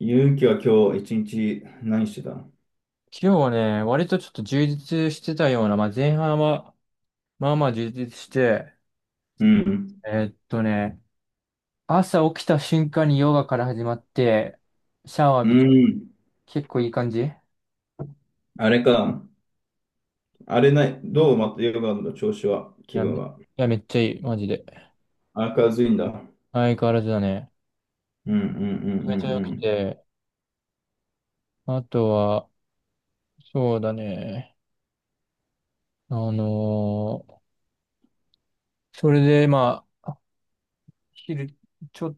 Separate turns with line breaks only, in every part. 勇気は今日一日何してた？
今日はね、割とちょっと充実してたような、まあ、前半は、まあまあ充実して、
うん。
えーっとね、朝起きた瞬間にヨガから始まって、シャワー
う
浴び、
ん。
結構いい感じい
あれか。あれない。どうまたヨガの調子は、気
や、
分は。
やめっちゃいい、マジで。
明るいんだ。
相変わらずだね。
うんうんうんう
めっちゃ
ん
良
う
く
ん。
て、あとは、そうだね、あのーそれでまあ、昼、ちょ、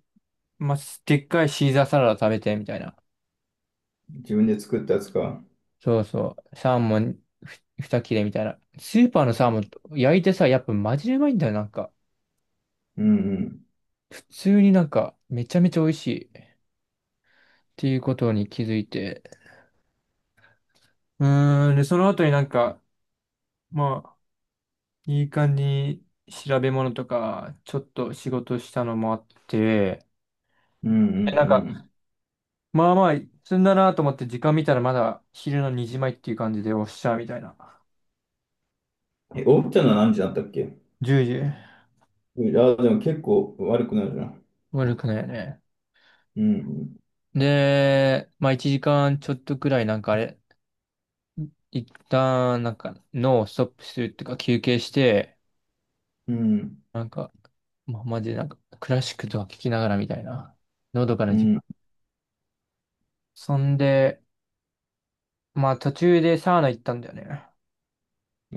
まあ、でっかいシーザーサラダ食べて、みたいな。
自分で作ったやつか。
そうそう。サーモン二切れみたいな。スーパーのサーモン焼いてさ、やっぱマジでうまいんだよ、なんか。
うんうん。
普通になんか、めちゃめちゃ美味しい、っていうことに気づいて。で、その後になんか、まあ、いい感じに調べ物とか、ちょっと仕事したのもあって、
う
で、
ん
なんか、
うん
まあまあ、積んだなと思って時間見たらまだ昼の2時前っていう感じでおっしゃ、みたいな。
うん。え、起きたのは何時だったっけ？
10時。
いや、でも結構悪くなるじゃん。
悪くないよね。
うん
で、まあ1時間ちょっとくらいなんかあれ、一旦、なんか、脳をストップするっていうか、休憩して、
うん。
なんか、まあ、マジでなんか、クラシックとか聞きながらみたいな、のどか
う
な時
ん。う
間。
ん。
そんで、まあ、途中でサウナ行ったんだよね。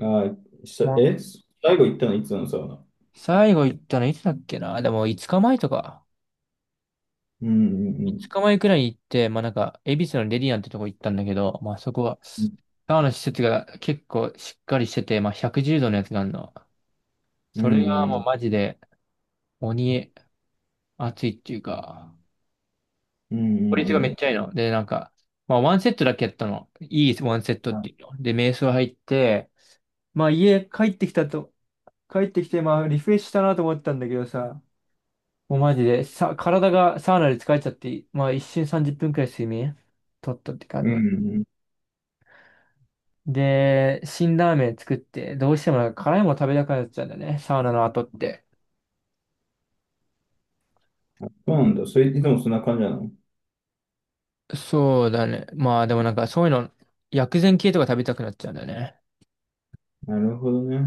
あー、し
まあ、
え、最後行ったのいつなのさ。
最後行ったのいつだっけな、でも、5日前とか、
うんう
5
ん
日前くらいに行って、まあ、なんか、恵比寿のレディアンってとこ行ったんだけど、まあ、そこは、
うん。
サウナ施設が結構しっかりしてて、まあ、110度のやつがあるの。
う
それ
んう
が
んう
もうマ
ん。
ジで、鬼、熱いっていうか、
うんう
効率がめっ
ん
ち
う
ゃい
ん。
いの。で、なんか、まあ、ワンセットだけやったの。いいワンセットっていうの。で、瞑想入って、まあ、家帰ってきたと、帰ってきて、まあ、リフレッシュしたなと思ったんだけどさ、もうマジで、さ、体がサウナで疲れちゃって、まあ、一瞬30分くらい睡眠取ったって感
うん
じだ。
うん。
で、辛ラーメン作って、どうしてもなんか辛いもの食べたくなっちゃうんだよね、サウナの後って。
そうなんだ。それ、いつもそんな感じなの？
そうだね。まあ、でもなんか、そういうの、薬膳系とか食べたくなっちゃうんだよね。
なるほどね。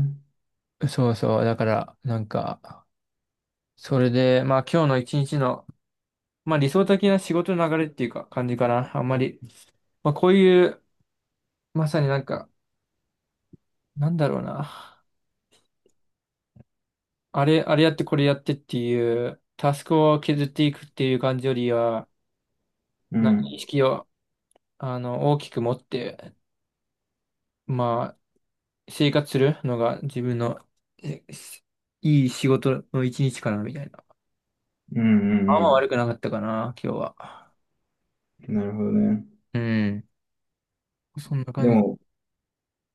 そうそう。だから、なんか、それで、まあ今日の一日の、まあ理想的な仕事の流れっていうか感じかな。あんまり、まあこういう、まさになんか、なんだろうな。あれやってこれやってっていう、タスクを削っていくっていう感じよりは、
う
なんか意
ん。
識を、あの、大きく持って、まあ生活するのが自分の、えしいい仕事の一日かなみたいな。
うん
あん
う
ま悪
ん
くなかったかな、今日は。
うん。なるほどね。
うん。そんな
で
感じ。
も、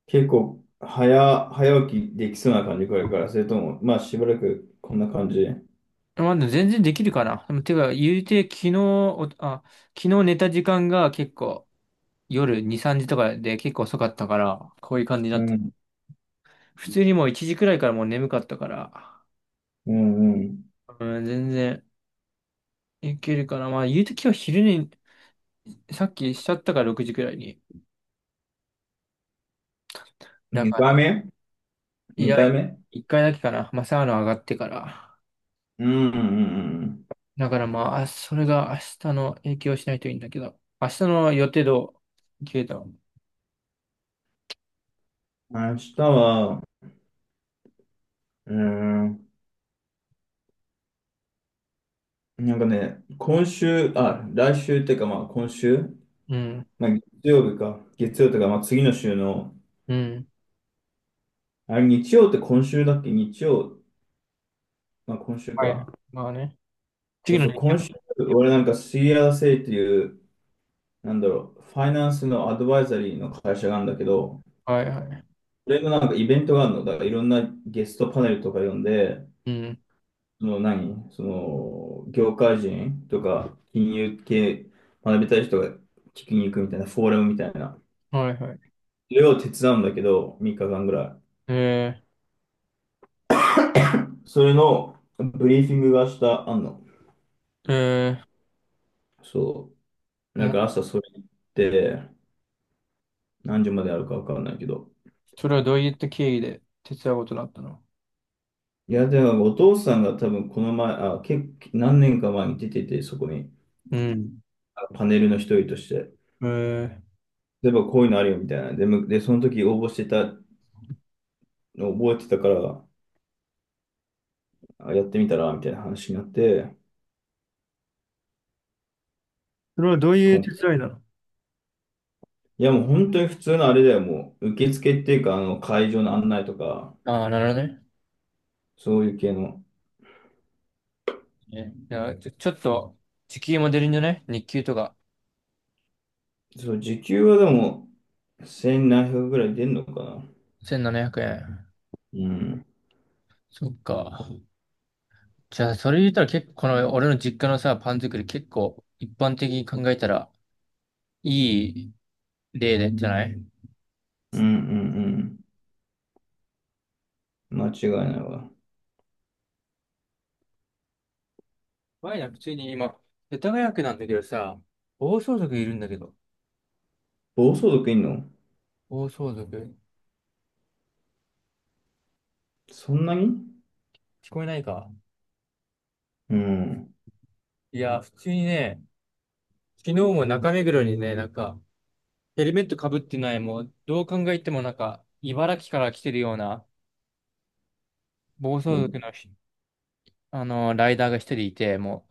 結構、早起きできそうな感じこれから、それとも、まあ、しばらくこんな感じ。う
まあ、でも全然できるかな。でも、てか、言うて、昨日寝た時間が結構夜2、3時とかで結構遅かったから、こういう感じになった。
ん。
普通にもう1時くらいからもう眠かったから、
うんうん。
うん、全然いけるかな。まあ、言うて今日昼に、さっきしちゃったから6時くらいに。だか
2回
ら、
目
い
?2
や、
回目？
1回だけかな。まあ、サウナ上がってから。
うんうんうん
だからまあ、それが明日の影響しないといいんだけど、明日の予定どう？消えた、う
うん。明日は、うーん、なんかね、今週、あ、来週っていうか、まあ、今週、
ん、
まあ、月曜日か、月曜とか、まあ、次の週の、
うん。
あれ、日曜って今週だっけ？日曜、まあ、今週
はい。
か。
まあね。
そ
次
う
の
そう、
ね。
今週、俺なんか c l セイっていう、なんだろう、ファイナンスのアドバイザリーの会社があるんだけど、
はいはい。
それのなんかイベントがあるのだから、いろんなゲストパネルとか呼んで、
うん。
その何、その、業界人とか、金融系学びたい人が聞きに行くみたいな、フォーラムみたいな。
はいはい。
それを手伝うんだけど、3日間ぐらい。
え
それのブリーフィングが明日あんの。
ー、えー、
そう。
お
なん
も
か朝それ行って、何時まであるかわかんないけど。
それはどういった経緯で手伝うことになったの？
いや、でもお父さんが多分この前、あ、何年か前に出てて、そこに
うん。
パネルの一人として、
えー、
例えばこういうのあるよみたいな。でその時応募してた、覚えてたから、やってみたらみたいな話になって、
それはどういう
今
手
回
伝いなの？
いやもう本当に普通のあれだよ、もう受付っていうか、あの会場の案内とか、
ああ、なるほどね。
そういう系の。
ね、いや、ちょっと、時給も出るんじゃない？日給とか。
そう、時給はでも1700ぐらい出んのかな。
1700円。
うん。
そっか。じゃあ、それ言ったら結構、この俺の実家のさ、パン作り結構、一般的に考えたら、いい例で、じゃない？
うんうんうん。間違いないわ。
前な、普通に今、世田谷区なんだけどさ、暴走族いるんだけど。
暴走族いんの？
暴走族。
そんなに？
聞こえないか。
うん。
いや、普通にね、昨日も中目黒にね、なんか、ヘルメットかぶってない、もう、どう考えてもなんか、茨城から来てるような、暴
も
走
う
族のあの、ライダーが一人いて、も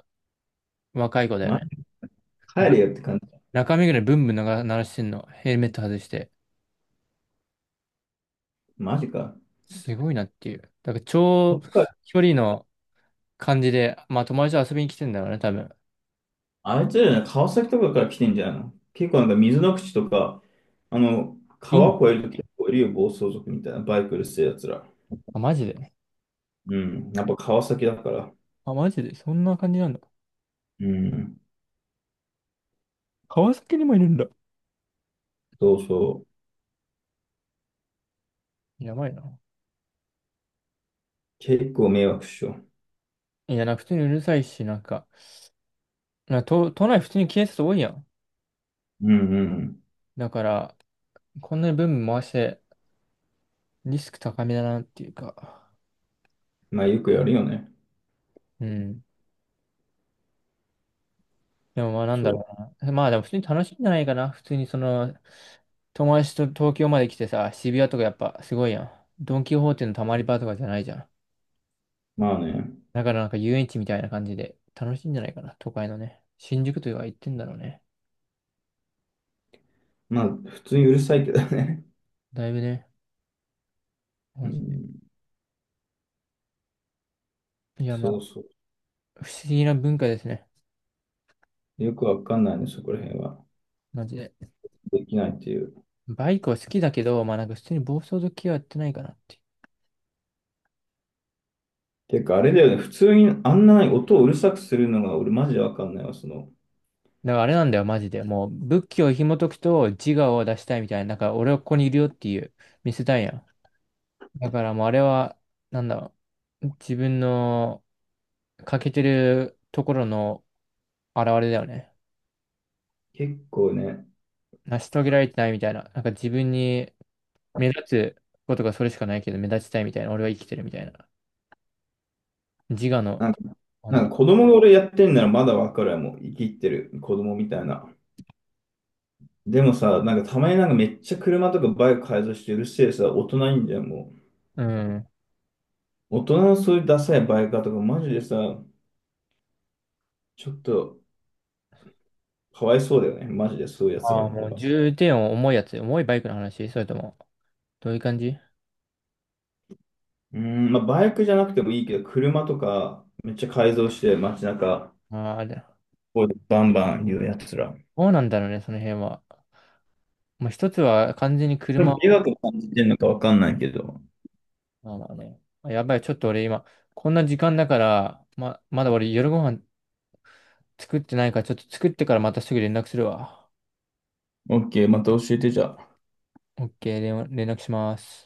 う、若い子だよ
マ
ね。
ジ帰れ
ぶ
よって感じ。
中目黒にブンブン鳴らしてんの。ヘルメット外して。
マジか。
すごいなっていう。だから、
ど
超
っか、
距離の感じで、まあ、友達と遊びに来てんだろうね、多分。
あいつらじゃない、川崎とかから来てんじゃないの？結構なんか水の口とか、あの、
いい
川越えると結構いるよ、暴走族みたいな、バイクうるせえやつら。
あ、マジで。
うん。やっぱ川崎だから。
あ、マジで。そんな感じなんだ。
うん。
川崎にもいるんだ。
そうそう。
やばいな。
結構迷惑っしょ？
いや、なんか普通にうるさいし、なんか、都内普通に警察多いやん。
うんうん。
だから、こんなにブンブン回して、リスク高めだなっていうか。
まあよくやるよね。
うん。でもまあなんだ
そう。
ろうな。まあでも普通に楽しいんじゃないかな。普通にその、友達と東京まで来てさ、渋谷とかやっぱすごいやん。ドン・キホーテのたまり場とかじゃないじゃん。
まあね。
だからなんか遊園地みたいな感じで楽しいんじゃないかな。都会のね。新宿というか行ってんだろうね。
まあ普通にうるさいけどね。
だいぶね。
う
マジ。
ん。
いやま
そう
あ、
そ
不思議な文化ですね。
う。よくわかんないね、そこら辺は。
マジで。
できないっていう。
バイクは好きだけど、まあなんか普通に暴走族系はやってないかな。
てか、あれだよね。普通にあんなに音をうるさくするのが俺マジでわかんないわ。その、
だからあれなんだよ、マジで。もう、仏教を紐解くと自我を出したいみたいな、なんか俺はここにいるよっていう、見せたいやん。だからもうあれは、なんだろう、自分の欠けてるところの現れだよね。
結構ね、
成し遂げられてないみたいな。なんか自分に目立つことがそれしかないけど、目立ちたいみたいな。俺は生きてるみたいな。自我の、
なんか、
あ
なん
の、
か子供が俺やってんならまだわかるわ。もう生きってる子供みたいな。でもさ、なんかたまになんかめっちゃ車とかバイク改造してうるせえさ、大人いんじゃん、も
うん。
う。大人のそういうダサいバイカーとかマジでさ、ちょっとかわいそうだよね。マジでそういうやつ
あ
ら
あ、
の
も
方
う
が。う
重点を重いやつ。重いバイクの話それとも、どういう感じ？
ーん、まあバイクじゃなくてもいいけど、車とかめっちゃ改造して街中、
ああー、あれだ、
こうバンバン言うやつら。
そうなんだろうね、その辺は。まあ、一つは完全に
で
車
も、美
を、
学感じてんのかわかんないけど。
まあまあね、まあやばい、ちょっと俺今、こんな時間だから、まだ俺夜ご飯作ってないから、ちょっと作ってからまたすぐ連絡するわ。
オッケー、また教えてじゃあ。
オッケー、連絡します。